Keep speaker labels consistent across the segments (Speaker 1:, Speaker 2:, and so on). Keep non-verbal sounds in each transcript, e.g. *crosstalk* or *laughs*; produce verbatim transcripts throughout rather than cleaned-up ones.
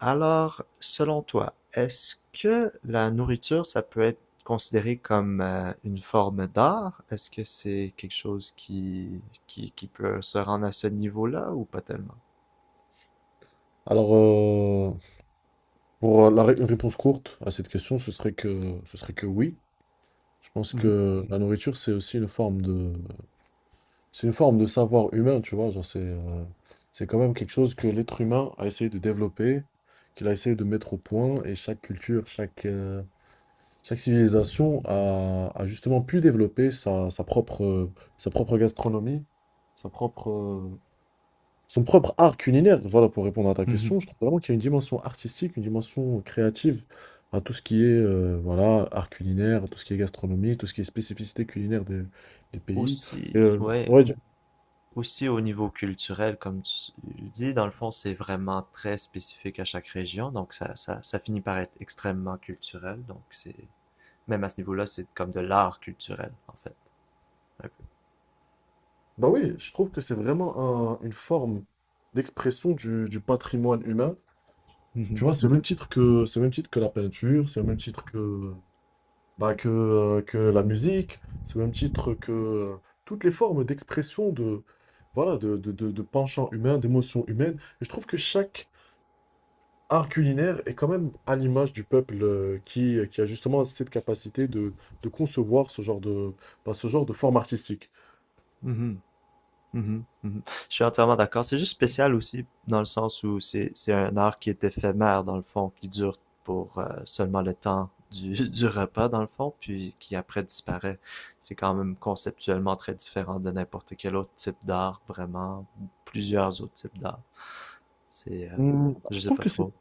Speaker 1: Alors, selon toi, est-ce que la nourriture, ça peut être considéré comme euh, une forme d'art? Est-ce que c'est quelque chose qui, qui, qui peut se rendre à ce niveau-là ou pas tellement?
Speaker 2: Alors, euh, pour euh, la ré- une réponse courte à cette question, ce serait que, ce serait que oui. Je pense
Speaker 1: Mhm.
Speaker 2: que la nourriture, c'est aussi une forme de, c'est une forme de savoir humain, tu vois. Genre, c'est, euh, c'est quand même quelque chose que l'être humain a essayé de développer, qu'il a essayé de mettre au point, et chaque culture, chaque, euh, chaque civilisation a, a justement pu développer sa, sa propre, sa propre gastronomie, sa propre, euh, son propre art culinaire, voilà. Pour répondre à ta
Speaker 1: Mhm.
Speaker 2: question, je trouve vraiment qu'il y a une dimension artistique, une dimension créative à tout ce qui est euh, voilà, art culinaire, tout ce qui est gastronomie, tout ce qui est spécificité culinaire des, des pays. Et,
Speaker 1: Aussi,
Speaker 2: euh,
Speaker 1: ouais,
Speaker 2: ouais, je-
Speaker 1: aussi au niveau culturel, comme tu le dis, dans le fond, c'est vraiment très spécifique à chaque région, donc ça, ça, ça finit par être extrêmement culturel, donc c'est, même à ce niveau-là, c'est comme de l'art culturel, en fait, un peu.
Speaker 2: bah oui, je trouve que c'est vraiment un- une forme d'expression du, du patrimoine humain. Tu
Speaker 1: Mhm.
Speaker 2: vois, c'est au même titre que, c'est au même titre que la peinture, c'est au même titre que bah, que, euh, que la musique, sous le même titre que euh, toutes les formes d'expression de, voilà, de, de, de, de penchants humains, d'émotions humaines. Et je trouve que chaque art culinaire est quand même à l'image du peuple euh, qui, euh, qui a justement cette capacité de, de concevoir ce genre de, bah, ce genre de forme artistique.
Speaker 1: Mhm. Mhm, mhm. Je suis entièrement d'accord. C'est juste spécial aussi dans le sens où c'est c'est un art qui est éphémère dans le fond, qui dure pour euh, seulement le temps du, *laughs* du repas dans le fond, puis qui après disparaît. C'est quand même conceptuellement très différent de n'importe quel autre type d'art, vraiment, ou plusieurs autres types d'art. C'est, euh,
Speaker 2: Hmm,
Speaker 1: je
Speaker 2: je
Speaker 1: sais
Speaker 2: trouve
Speaker 1: pas
Speaker 2: que c'est...
Speaker 1: trop.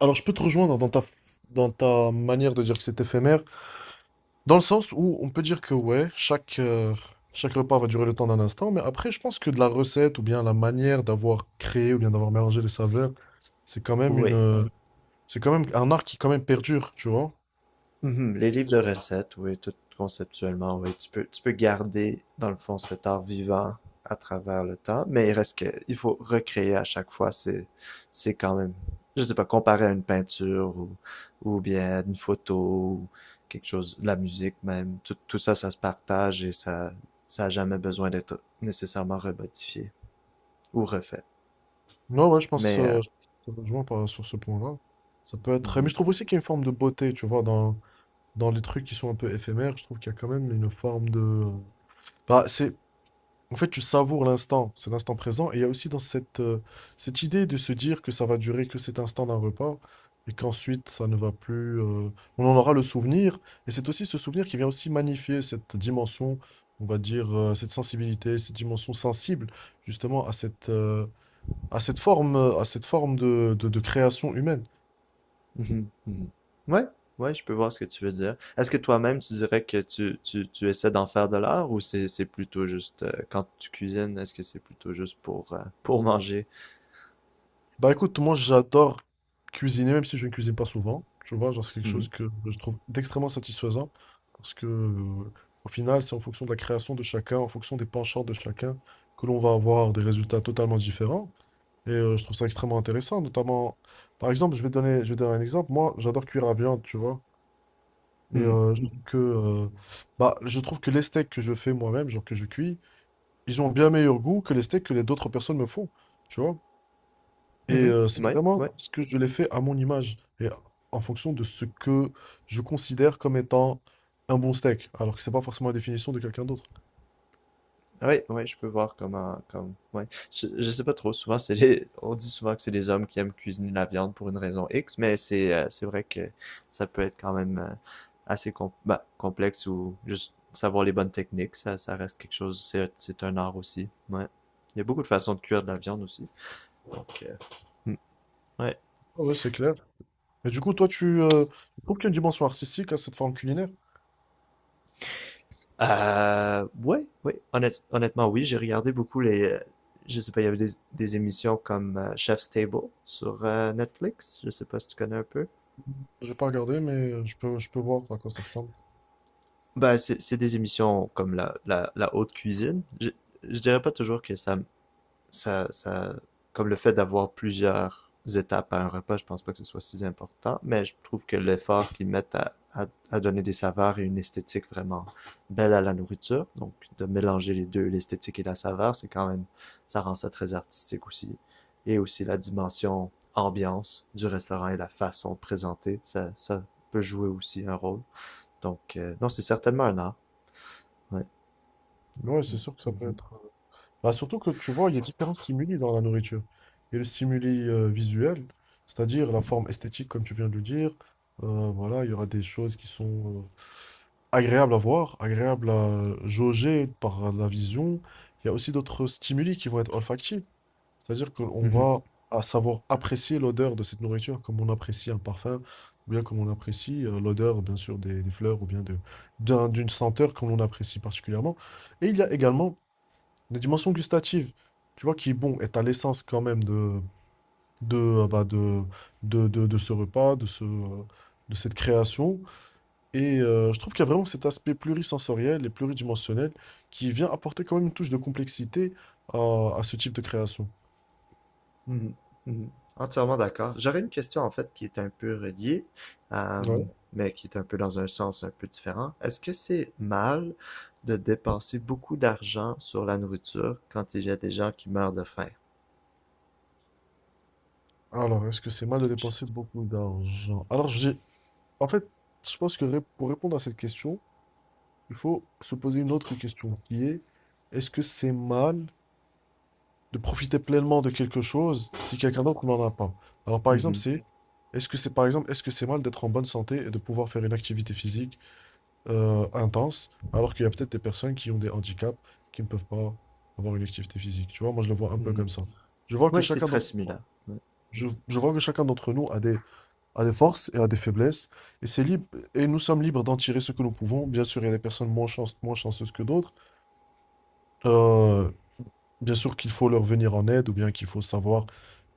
Speaker 2: Alors, je peux te rejoindre dans ta, dans ta manière de dire que c'est éphémère. Dans le sens où on peut dire que ouais, chaque, euh, chaque repas va durer le temps d'un instant, mais après, je pense que de la recette ou bien la manière d'avoir créé ou bien d'avoir mélangé les saveurs, c'est quand même une,
Speaker 1: Oui.
Speaker 2: euh, c'est quand même un art qui quand même perdure, tu vois.
Speaker 1: Mhm. Les livres de recettes, oui, tout conceptuellement, oui. Tu peux, tu peux garder, dans le fond, cet art vivant à travers le temps, mais il reste que, il faut recréer à chaque fois. C'est, c'est quand même, je sais pas, comparé à une peinture ou, ou bien une photo ou quelque chose, la musique même. Tout, tout ça, ça se partage et ça, ça a jamais besoin d'être nécessairement remodifié ou refait.
Speaker 2: Non, ouais, je pense,
Speaker 1: Mais, euh,
Speaker 2: euh, je te rejoins par- sur ce point-là. Ça peut être, mais
Speaker 1: mhm.
Speaker 2: je trouve aussi qu'il y a une forme de beauté, tu vois, dans, dans les trucs qui sont un peu éphémères. Je trouve qu'il y a quand même une forme de, bah, c'est... En fait, tu savoures l'instant, c'est l'instant présent. Et il y a aussi dans cette, euh, cette idée de se dire que ça va durer que cet instant d'un repas et qu'ensuite ça ne va plus. Euh, on en aura le souvenir. Et c'est aussi ce souvenir qui vient aussi magnifier cette dimension, on va dire, euh, cette sensibilité, cette dimension sensible justement à cette, euh, à cette forme, euh, à cette forme de de- de création humaine.
Speaker 1: Mhm, mhm. Ouais, ouais, je peux voir ce que tu veux dire. Est-ce que toi-même, tu dirais que tu, tu, tu essaies d'en faire de l'art ou c'est, c'est plutôt juste euh, quand tu cuisines, est-ce que c'est plutôt juste pour, euh, pour manger?
Speaker 2: Bah écoute, moi j'adore cuisiner, même si je ne cuisine pas souvent. Tu vois, genre c'est quelque
Speaker 1: Mhm,
Speaker 2: chose que je trouve d'extrêmement satisfaisant. Parce que euh, au final, c'est en fonction de la création de chacun, en fonction des penchants de chacun, que l'on va avoir des résultats totalement différents. Et euh, je trouve ça extrêmement intéressant. Notamment, par exemple, je vais donner, je vais donner un exemple. Moi, j'adore cuire la viande, tu vois. Et
Speaker 1: mhm,
Speaker 2: euh, je trouve que, euh, bah, je trouve que les steaks que je fais moi-même, genre que je cuis, ils ont bien meilleur goût que les steaks que les d'autres personnes me font. Tu vois? Et
Speaker 1: mhm.
Speaker 2: euh, c'est Mhm.
Speaker 1: Ouais,
Speaker 2: vraiment
Speaker 1: ouais.
Speaker 2: ce que je l'ai fait à mon image et en fonction de ce que je considère comme étant un bon steak, alors que c'est pas forcément la définition de quelqu'un d'autre.
Speaker 1: Oui, oui, je peux voir comment, comme, ouais. Je, je sais pas trop, souvent, c'est les, on dit souvent que c'est les hommes qui aiment cuisiner la viande pour une raison X, mais c'est, euh, c'est vrai que ça peut être quand même euh, assez com- bah, complexe ou juste savoir les bonnes techniques, ça, ça reste quelque chose, c'est, c'est un art aussi, ouais. Il y a beaucoup de façons de cuire de la viande aussi, donc, euh, hmm, ouais.
Speaker 2: Ah ouais, c'est clair. Et du coup, toi, tu, euh, tu trouves qu'il y a une dimension artistique à cette forme culinaire?
Speaker 1: Euh, ouais, ouais, honnête- honnêtement, oui, j'ai regardé beaucoup les, euh, je sais pas, il y avait des, des émissions comme euh, Chef's Table sur euh, Netflix, je sais pas si tu connais un peu.
Speaker 2: J'ai pas regardé, mais euh, je peux, je peux voir à quoi ça ressemble.
Speaker 1: Ben, c'est c'est des émissions comme la, la, la haute cuisine. Je, je dirais pas toujours que ça, ça, ça, comme le fait d'avoir plusieurs étapes à un repas, je pense pas que ce soit si important, mais je trouve que l'effort qu'ils mettent à, à, à donner des saveurs et une esthétique vraiment belle à la nourriture, donc de mélanger les deux, l'esthétique et la saveur, c'est quand même, ça rend ça très artistique aussi. Et aussi la dimension ambiance du restaurant et la façon de présenter, ça, ça peut jouer aussi un rôle. Donc, euh, non, c'est certainement un art. Ouais.
Speaker 2: Ouais, c'est sûr que ça peut
Speaker 1: Mhm.
Speaker 2: être. Bah, surtout que tu vois, il y a différents stimuli dans la nourriture. Il y a le stimuli euh, visuel, c'est-à-dire la forme esthétique, comme tu viens de le dire. Euh, voilà, il y aura des choses qui sont euh, agréables à voir, agréables à jauger par la vision. Il y a aussi d'autres stimuli qui vont être olfactifs, c'est-à-dire qu'on
Speaker 1: Mhm.
Speaker 2: va à savoir apprécier l'odeur de cette nourriture comme on apprécie un parfum, ou bien comme on apprécie euh, l'odeur, bien sûr, des, des fleurs, ou bien de, d'un- d'une senteur que l'on apprécie particulièrement. Et il y a également une dimension gustative, tu vois, qui est bon, et t'as l'essence quand même de, de, euh, bah, de, de, de, de ce repas, de ce, euh, de cette création. Et euh, je trouve qu'il y a vraiment cet aspect plurisensoriel et pluridimensionnel qui vient apporter quand même une touche de complexité à, à ce type de création.
Speaker 1: Mhm. Mhm. Entièrement d'accord. J'aurais une question en fait qui est un peu reliée, euh,
Speaker 2: Ouais.
Speaker 1: mais qui est un peu dans un sens un peu différent. Est-ce que c'est mal de dépenser beaucoup d'argent sur la nourriture quand il y a des gens qui meurent de faim?
Speaker 2: Alors, est-ce que c'est mal de
Speaker 1: Je-
Speaker 2: dépenser beaucoup d'argent? Alors, j'ai, en fait, je pense que ré- pour répondre à cette question, il faut se poser une autre question qui est, est-ce que c'est mal de profiter pleinement de quelque chose si quelqu'un d'autre n'en a pas. Alors par exemple,
Speaker 1: Mhm.
Speaker 2: c'est est-ce que c'est par exemple, est-ce que c'est mal d'être en bonne santé et de pouvoir faire une activité physique euh, intense alors qu'il y a peut-être des personnes qui ont des handicaps qui ne peuvent pas avoir une activité physique. Tu vois, moi je le vois un peu
Speaker 1: Mhm.
Speaker 2: comme ça. Je vois que
Speaker 1: Oui, c'est
Speaker 2: chacun
Speaker 1: très
Speaker 2: d'entre
Speaker 1: similaire.
Speaker 2: je, je vois que chacun d'entre nous a des, a des forces et a des faiblesses et c'est libre et nous sommes libres d'en tirer ce que nous pouvons. Bien sûr, il y a des personnes moins chance- moins chanceuses que d'autres. Euh, Bien sûr qu'il faut leur venir en aide ou bien qu'il faut savoir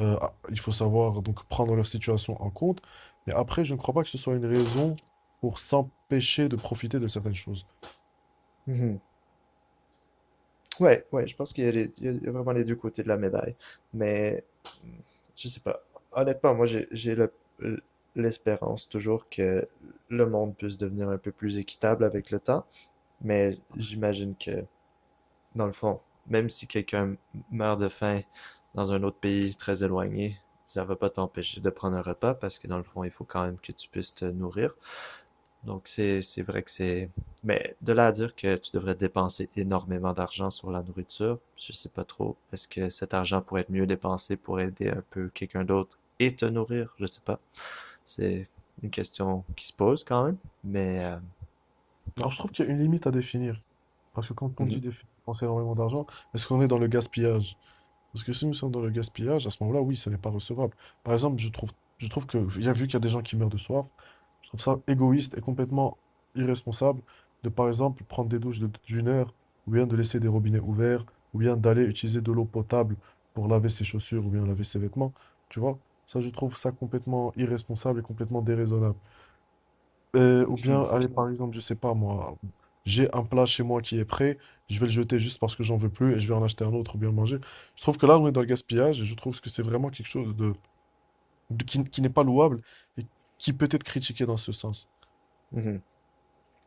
Speaker 2: Euh, ah, il faut savoir donc prendre leur situation en compte. Mais après, je ne crois pas que ce soit une raison pour s'empêcher de profiter de certaines choses.
Speaker 1: Ouais. Ouais, ouais, je pense qu'il y a, les- il y a- il y a vraiment les deux côtés de la médaille. Mais hmm, je sais pas. Honnêtement, moi, j'ai j'ai le- l'espérance toujours que le monde puisse devenir un peu plus équitable avec le temps. Mais j'imagine que, dans le fond, même si quelqu'un meurt de faim dans un autre pays très éloigné, ça va pas t'empêcher de prendre un repas parce que, dans le fond, il faut quand même que tu puisses te nourrir. Donc, c'est c'est vrai que c'est... Mais de là à dire que tu devrais dépenser énormément d'argent sur la nourriture, je sais pas trop. Est-ce que cet argent pourrait être mieux dépensé pour aider un peu quelqu'un d'autre et te nourrir? Je sais pas. C'est une question qui se pose quand même, mais... euh,
Speaker 2: Alors, je trouve qu'il y a une limite à définir. Parce que quand on dit déf- dépenser énormément d'argent, est-ce qu'on est dans le gaspillage? Parce que si nous sommes dans le gaspillage, à ce moment-là, oui, ce n'est pas recevable. Par exemple, je trouve, je trouve que, il y a vu qu'il y a des gens qui meurent de soif, je trouve ça égoïste et complètement irresponsable de, par exemple, prendre des douches de- d'une heure, ou bien de laisser des robinets ouverts, ou bien d'aller utiliser de l'eau potable pour laver ses chaussures, ou bien laver ses vêtements. Tu vois, ça, je trouve ça complètement irresponsable et complètement déraisonnable. Euh, ou bien, allez, par exemple, je sais pas moi, j'ai un plat chez moi qui est prêt, je vais le jeter juste parce que j'en veux plus et je vais en acheter un autre ou bien le manger. Je trouve que là, on est dans le gaspillage et je trouve que c'est vraiment quelque chose de, de- qui, qui n'est pas louable et qui peut être critiqué dans ce sens.
Speaker 1: *laughs*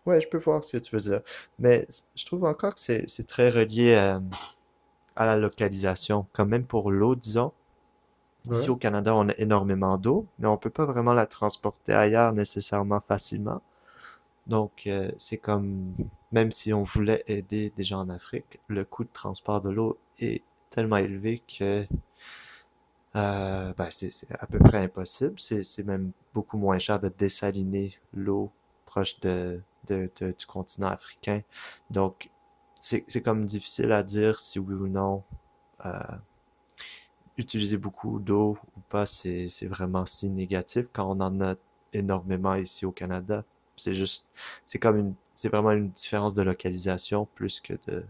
Speaker 1: Ouais, je peux voir ce que tu veux dire. Mais je trouve encore que c'est c'est très relié euh, à la localisation. Quand même pour l'eau, disons. Ici
Speaker 2: Ouais,
Speaker 1: au Canada, on a énormément d'eau, mais on peut pas vraiment la transporter ailleurs nécessairement facilement. Donc, euh, c'est comme, même si on voulait aider des gens en Afrique, le coût de transport de l'eau est tellement élevé que euh, ben, c'est c'est à peu près impossible. C'est c'est même beaucoup moins cher de dessaliner l'eau proche de, de- de- du continent africain. Donc, c'est c'est comme difficile à dire si oui ou non euh, utiliser beaucoup d'eau ou pas, c'est c'est vraiment si négatif quand on en a énormément ici au Canada. C'est juste, c'est comme une, c'est vraiment une différence de localisation plus que de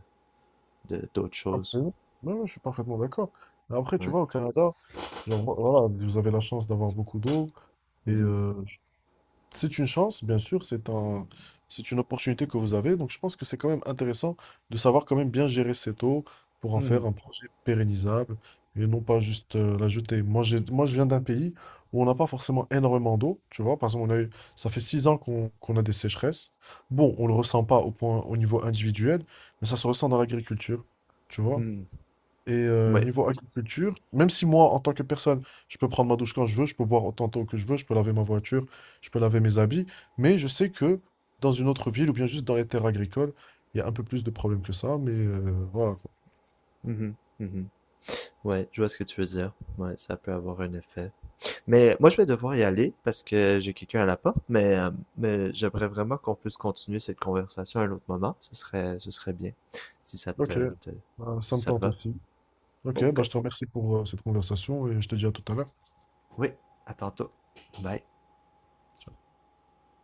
Speaker 1: de- d'autres choses.
Speaker 2: absolument. Ouais, ouais, je suis parfaitement d'accord. Mais après, tu
Speaker 1: Ouais.
Speaker 2: vois, au Canada, genre, vo- voilà, vous avez la chance d'avoir beaucoup d'eau. Et
Speaker 1: Mhm.
Speaker 2: euh, c'est une chance, bien sûr, c'est un, c'est une opportunité que vous avez. Donc, je pense que c'est quand même intéressant de savoir quand même bien gérer cette eau pour en faire
Speaker 1: Mhm.
Speaker 2: un projet pérennisable et non pas juste euh, la jeter. Moi, j'ai, moi, je viens d'un pays où on n'a pas forcément énormément d'eau. Tu vois, par exemple, on a eu, ça fait six ans qu'on qu'on a des sécheresses. Bon, on le ressent pas au point, au niveau individuel, mais ça se ressent dans l'agriculture. Tu vois,
Speaker 1: Mhm.
Speaker 2: et euh,
Speaker 1: Ouais.
Speaker 2: niveau agriculture, même si moi, en tant que personne, je peux prendre ma douche quand je veux, je peux boire autant de que je veux, je peux laver ma voiture, je peux laver mes habits, mais je sais que dans une autre ville ou bien juste dans les terres agricoles, il y a un peu plus de problèmes que ça, mais euh, voilà quoi.
Speaker 1: Mhm. Mhm. Ouais, je vois ce que tu veux dire. Ouais, ça peut avoir un effet. Mais moi, je vais devoir y aller parce que j'ai quelqu'un à la porte, mais, euh, mais j'aimerais vraiment qu'on puisse continuer cette conversation à un autre moment. Ce serait, ce serait bien, si ça
Speaker 2: Ok,
Speaker 1: te, te-
Speaker 2: bah, ça
Speaker 1: si
Speaker 2: me
Speaker 1: ça te
Speaker 2: tente
Speaker 1: va.
Speaker 2: aussi. Ok,
Speaker 1: Ok.
Speaker 2: bah, je te remercie pour euh, cette conversation et je te dis à tout à l'heure.
Speaker 1: Oui, à tantôt. Bye.